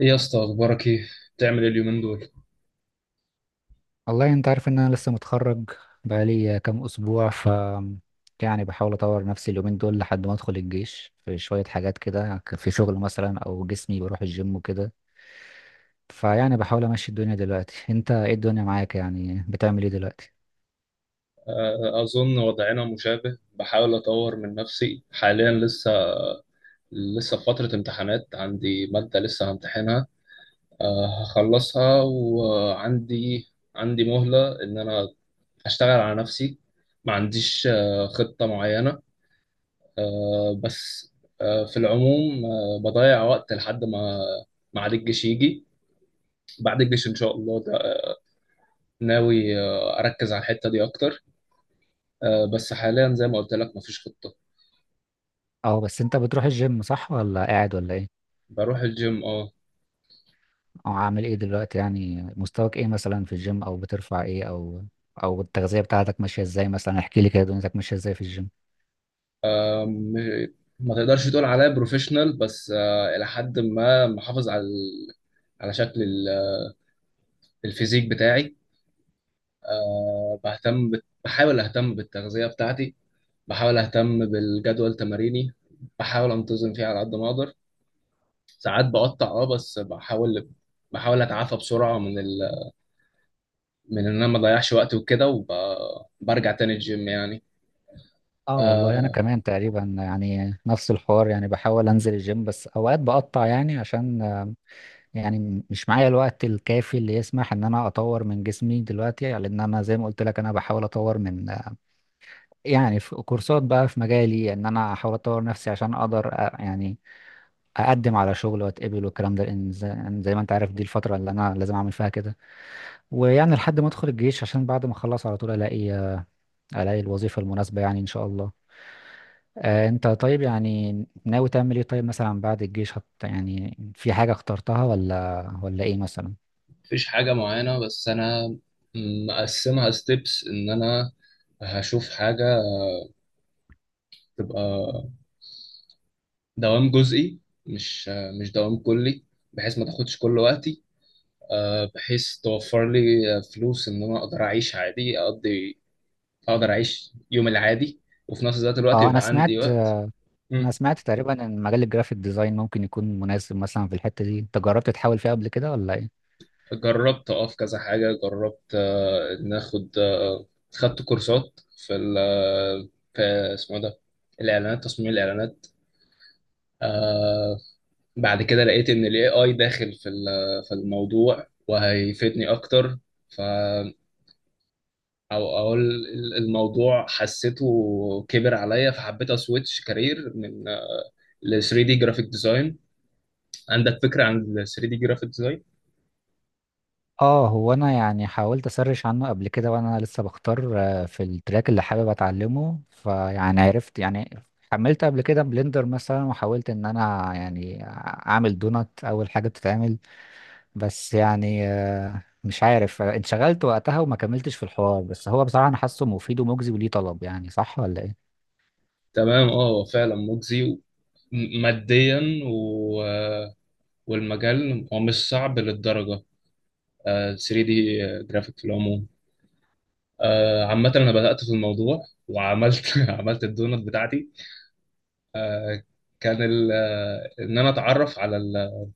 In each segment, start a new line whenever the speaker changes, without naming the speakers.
إيه يا اسطى، اخبارك ايه؟ بتعمل إيه اليومين دول؟
والله انت عارف ان انا لسه متخرج بقالي كام اسبوع يعني بحاول اطور نفسي اليومين دول لحد ما ادخل الجيش في شوية حاجات كده، في شغل مثلا او جسمي بروح الجيم وكده. فيعني بحاول امشي الدنيا دلوقتي. انت ايه الدنيا معاك؟ يعني بتعمل ايه دلوقتي؟
اظن وضعنا مشابه، بحاول اطور من نفسي حاليا. لسه في فترة امتحانات، عندي مادة لسه همتحنها. هخلصها، وعندي مهلة ان انا اشتغل على نفسي. ما عنديش خطة معينة. بس في العموم بضيع وقت لحد ما ما عاد الجيش يجي. بعد الجيش ان شاء الله ده ناوي اركز على الحتة دي اكتر. بس حاليا زي ما قلت لك، مفيش خطة.
اه، بس انت بتروح الجيم صح ولا قاعد ولا ايه؟
بروح الجيم، اه.
او عامل ايه دلوقتي؟ يعني مستواك ايه مثلا في الجيم، او بترفع ايه، او التغذية بتاعتك ماشية ازاي؟ مثلا احكي لي كده دنيتك ماشية ازاي في الجيم.
آه، م- ما تقدرش تقول عليا بروفيشنال، بس إلى حد ما محافظ على شكل الفيزيك بتاعي. بحاول أهتم بالتغذية بتاعتي، بحاول أهتم بالجدول تماريني، بحاول أنتظم فيه على قد ما أقدر. ساعات بقطع، اه، بس بحاول، أتعافى بسرعة من إن أنا ما أضيعش وقت وكده، وبرجع تاني الجيم يعني.
اه والله انا
آه،
كمان تقريبا يعني نفس الحوار. يعني بحاول انزل الجيم بس اوقات بقطع، يعني عشان يعني مش معايا الوقت الكافي اللي يسمح ان انا اطور من جسمي دلوقتي، يعني لان انا زي ما قلت لك انا بحاول اطور من يعني في كورسات بقى في مجالي ان انا احاول اطور نفسي عشان اقدر، يعني اقدم على شغل واتقبل والكلام ده، لان زي يعني زي ما انت عارف دي الفترة اللي انا لازم اعمل فيها كده. ويعني لحد ما ادخل الجيش، عشان بعد ما اخلص على طول الاقي الاقي الوظيفة المناسبة يعني ان شاء الله. انت طيب يعني ناوي تعمل ايه طيب مثلا بعد الجيش؟ يعني في حاجة اخترتها ولا ايه مثلا؟
مفيش حاجة معينة، بس أنا مقسمها ستيبس إن أنا هشوف حاجة تبقى دوام جزئي، مش مش دوام كلي، بحيث ما تاخدش كل وقتي. بحيث توفر لي فلوس إن أنا أقدر أعيش عادي، أقدر أعيش يوم العادي، وفي نفس ذات الوقت
اه
يبقى عندي وقت.
انا
مم.
سمعت تقريبا ان مجال الجرافيك ديزاين ممكن يكون مناسب مثلا في الحتة دي. انت جربت تحاول فيها قبل كده ولا ايه؟
جربت أقف كذا حاجة، جربت إن آخد خدت كورسات في ال آه، في، اسمه إيه ده، الإعلانات، تصميم الإعلانات. آه، بعد كده لقيت ان الاي اي داخل في الموضوع وهيفيدني اكتر. ف او اقول الموضوع حسيته كبر عليا، فحبيت اسويتش كارير ل 3 دي جرافيك ديزاين. عندك فكرة عن ال 3 دي جرافيك ديزاين؟
اه، هو انا يعني حاولت اسرش عنه قبل كده وانا لسه بختار في التراك اللي حابب اتعلمه. فيعني عرفت يعني حملت قبل كده بلندر مثلا، وحاولت ان انا يعني اعمل دونات اول حاجة بتتعمل، بس يعني مش عارف انشغلت وقتها وما كملتش في الحوار. بس هو بصراحة أنا حاسه مفيد ومجزي وليه طلب، يعني صح ولا إيه؟
تمام، اه، هو فعلا مجزي ماديا و... والمجال هو مش صعب للدرجة. 3 دي جرافيك في العموم. عامة أنا بدأت في الموضوع، وعملت عملت الدونت بتاعتي. كان ان انا اتعرف على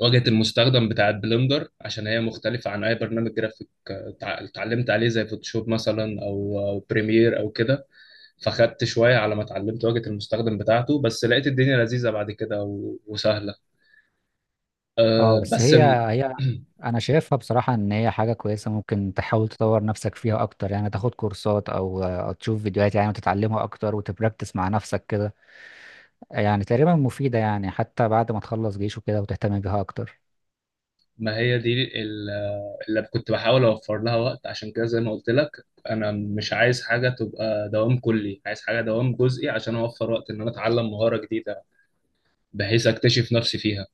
واجهه المستخدم بتاعه بلندر، عشان هي مختلفه عن اي برنامج جرافيك اتعلمت عليه زي فوتوشوب مثلا أو بريمير او كده. فخدت شويه على ما اتعلمت واجهه المستخدم بتاعته، بس لقيت الدنيا لذيذه بعد كده وسهله. آه،
أه بس
بس
هي
الم-
هي أنا شايفها بصراحة إن هي حاجة كويسة، ممكن تحاول تطور نفسك فيها أكتر، يعني تاخد كورسات أو أو تشوف فيديوهات يعني، وتتعلمها أكتر وتبراكتس مع نفسك كده. يعني تقريبا مفيدة يعني حتى بعد ما تخلص جيش وكده وتهتم بيها أكتر.
ما هي دي اللي كنت بحاول اوفر لها وقت، عشان كده زي ما قلت لك انا مش عايز حاجه تبقى دوام كلي، عايز حاجه دوام جزئي عشان اوفر وقت ان انا اتعلم مهاره جديده بحيث اكتشف نفسي فيها.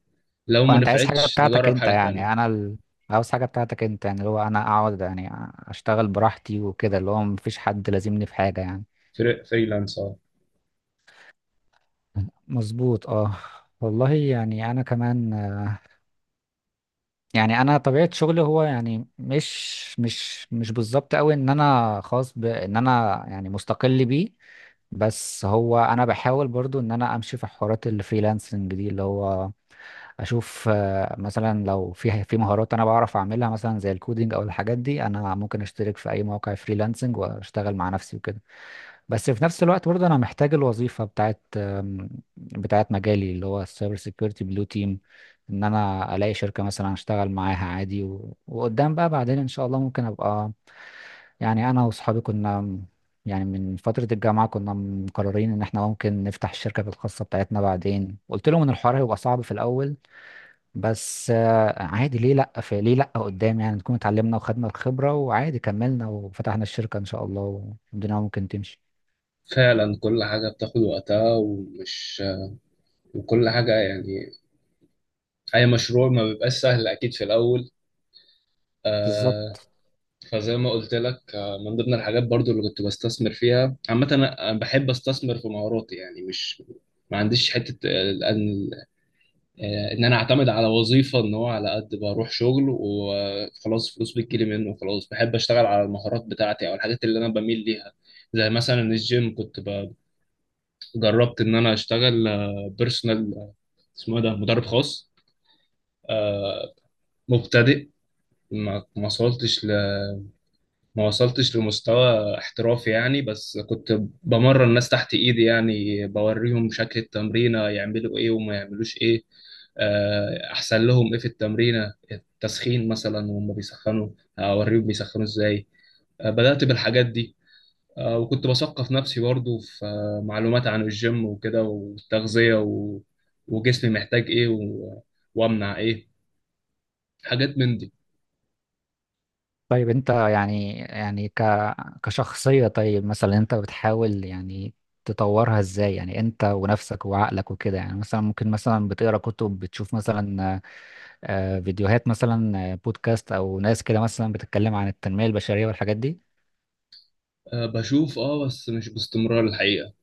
لو ما
وانت عايز حاجه
نفعتش
بتاعتك
نجرب
انت،
حاجة
يعني
تانية.
انا عاوز حاجه بتاعتك انت يعني، اللي هو انا اقعد يعني اشتغل براحتي وكده، اللي هو مفيش حد لازمني في حاجه يعني.
فريلانس، اه.
مظبوط اه. والله يعني انا كمان، يعني انا طبيعه شغلي هو يعني مش بالظبط قوي ان انا خاص بان انا يعني مستقل بيه. بس هو انا بحاول برضو ان انا امشي في حوارات الفريلانسنج دي، اللي هو اشوف مثلا لو في مهارات انا بعرف اعملها مثلا زي الكودينج او الحاجات دي، انا ممكن اشترك في اي موقع فريلانسنج واشتغل مع نفسي وكده. بس في نفس الوقت برضه انا محتاج الوظيفه بتاعت مجالي اللي هو السايبر سيكيورتي بلو تيم. ان انا الاقي شركه مثلا اشتغل معاها عادي، وقدام بقى بعدين ان شاء الله ممكن ابقى، يعني انا واصحابي كنا يعني من فترة الجامعة كنا مقررين إن إحنا ممكن نفتح الشركة الخاصة بتاعتنا بعدين. قلت لهم إن الحوار هيبقى صعب في الأول، بس عادي ليه لأ، في ليه لأ قدام يعني نكون اتعلمنا وخدنا الخبرة وعادي كملنا وفتحنا الشركة إن شاء الله والدنيا ممكن تمشي.
فعلا، كل حاجة بتاخد وقتها، وكل حاجة يعني أي مشروع ما بيبقاش سهل أكيد في الأول. آه.
بالظبط.
فزي ما قلت لك، آه، من ضمن الحاجات برضو اللي كنت بستثمر فيها عامة، أنا بحب أستثمر في مهاراتي، يعني مش، ما عنديش حتة، ان انا اعتمد على وظيفه ان هو على قد بروح شغل وخلاص فلوس بتجيلي منه وخلاص. بحب اشتغل على المهارات بتاعتي او الحاجات اللي انا بميل ليها. زي مثلا الجيم، جربت ان انا اشتغل بيرسونال، اسمه إيه ده، مدرب خاص مبتدئ. ما ما وصلتش ما وصلتش لمستوى احترافي يعني، بس كنت بمرن ناس تحت ايدي يعني، بوريهم شكل التمرينة يعملوا ايه وما يعملوش ايه. احسن لهم ايه في التمرينة، التسخين مثلا وهم بيسخنوا، اوريهم بيسخنوا ازاي. بدأت بالحاجات دي. وكنت بثقف نفسي برضو في معلومات عن الجيم وكده، والتغذية و... وجسمي محتاج ايه و... وامنع ايه، حاجات من دي.
طيب أنت يعني يعني كشخصية طيب مثلا أنت بتحاول يعني تطورها إزاي يعني أنت ونفسك وعقلك وكده؟ يعني مثلا ممكن مثلا بتقرأ كتب، بتشوف مثلا فيديوهات مثلا، بودكاست أو ناس كده مثلا بتتكلم عن التنمية البشرية والحاجات دي؟
بشوف، اه، بس مش باستمرار الحقيقة.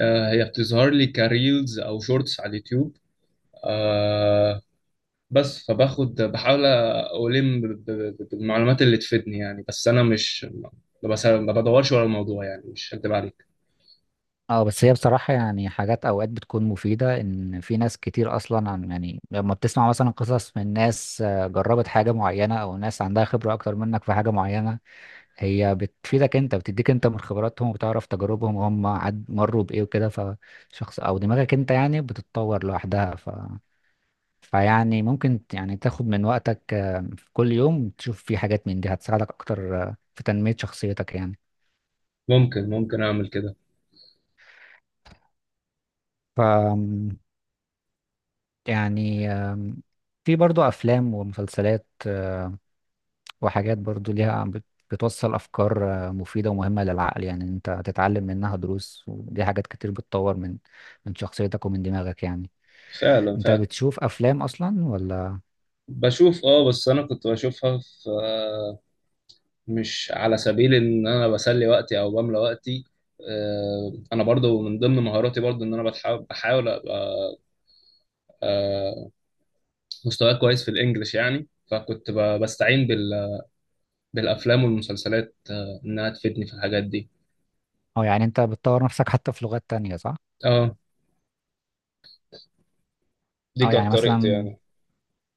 هي بتظهر لي كريلز او شورتس على اليوتيوب. آه، بس فباخد، بحاول الم ب- ب- بالمعلومات اللي تفيدني يعني، بس انا مش، ما بدورش ورا الموضوع يعني، مش هكدب عليك.
اه بس هي بصراحة يعني حاجات اوقات بتكون مفيدة، ان في ناس كتير اصلا عن يعني لما بتسمع مثلا قصص من ناس جربت حاجة معينة او ناس عندها خبرة اكتر منك في حاجة معينة، هي بتفيدك انت، بتديك انت من خبراتهم وبتعرف تجاربهم وهم عد مروا بايه وكده، فشخص او دماغك انت يعني بتتطور لوحدها. ف فيعني ممكن يعني تاخد من وقتك في كل يوم تشوف في حاجات من دي، هتساعدك اكتر في تنمية شخصيتك
ممكن اعمل كده.
يعني. يعني في برضو أفلام ومسلسلات وحاجات برضو ليها بتوصل أفكار مفيدة ومهمة للعقل، يعني أنت هتتعلم منها دروس، ودي حاجات كتير بتطور من من شخصيتك ومن دماغك يعني.
فعلا،
أنت
فعلا.
بتشوف أفلام أصلا ولا؟
بشوف، اه، بس انا كنت بشوفها في، مش على سبيل ان انا بسلي وقتي او بملى وقتي. انا برضو من ضمن مهاراتي برضو ان انا بحاول ابقى آه، مستواي كويس في الانجليش يعني، بستعين بالافلام والمسلسلات انها تفيدني في الحاجات دي.
أه يعني أنت بتطور نفسك حتى في لغات تانية صح؟
اه، دي
أه يعني
كانت طريقتي
مثلا،
يعني.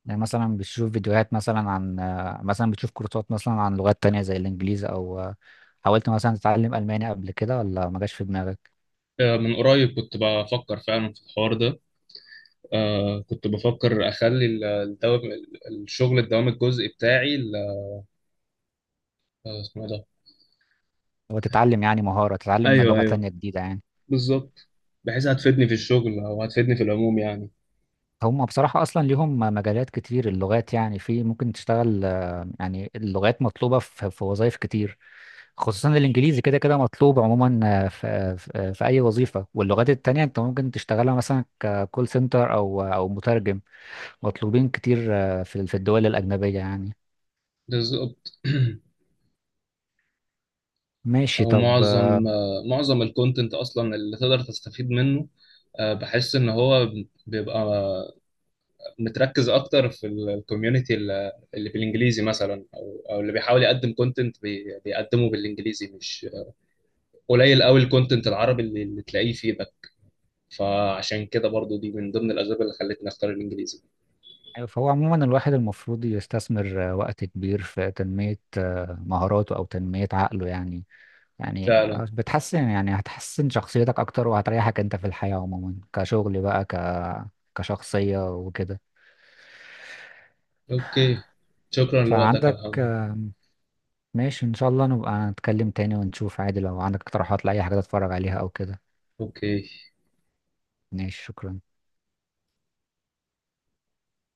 يعني مثلا بتشوف فيديوهات مثلا عن، مثلا بتشوف كورسات مثلا عن لغات تانية زي الإنجليزي أو حاولت مثلا تتعلم ألماني قبل كده ولا ما جاش في دماغك؟
من قريب كنت بفكر فعلا في الحوار ده. آه، كنت بفكر اخلي الدوام الجزئي بتاعي، اسمه إيه ده.
وتتعلم يعني مهارة، تتعلم
ايوه،
لغة
ايوه،
تانية جديدة يعني.
بالظبط، بحيث هتفيدني في الشغل او هتفيدني في العموم يعني.
هم بصراحة أصلا ليهم مجالات كتير اللغات يعني، في ممكن تشتغل يعني اللغات مطلوبة في وظائف كتير. خصوصا الإنجليزي كده كده مطلوب عموما في أي وظيفة. واللغات التانية أنت ممكن تشتغلها مثلا ككول سنتر أو مترجم. مطلوبين كتير في في الدول الأجنبية يعني.
بالظبط.
ماشي
او
طب.
معظم آه معظم الكونتنت اصلا اللي تقدر تستفيد منه، بحس ان هو بيبقى متركز اكتر في الكوميونتي اللي بالانجليزي مثلا، او اللي بيحاول يقدم كونتنت بيقدمه بالانجليزي، مش قليل قوي الكونتنت العربي اللي تلاقيه فيه ده. فعشان كده برضو دي من ضمن الاسباب اللي خلتني اختار الانجليزي.
فهو عموما الواحد المفروض يستثمر وقت كبير في تنمية مهاراته أو تنمية عقله يعني. يعني
فعلا.
بتحسن، يعني هتحسن شخصيتك اكتر وهتريحك انت في الحياة عموما كشغل بقى، كشخصية وكده.
اوكي، شكرا لوقتك يا
فعندك
محمد.
ماشي ان شاء الله نبقى نتكلم تاني، ونشوف عادي لو عندك اقتراحات لأي حاجة تتفرج عليها او كده.
اوكي.
ماشي شكرا.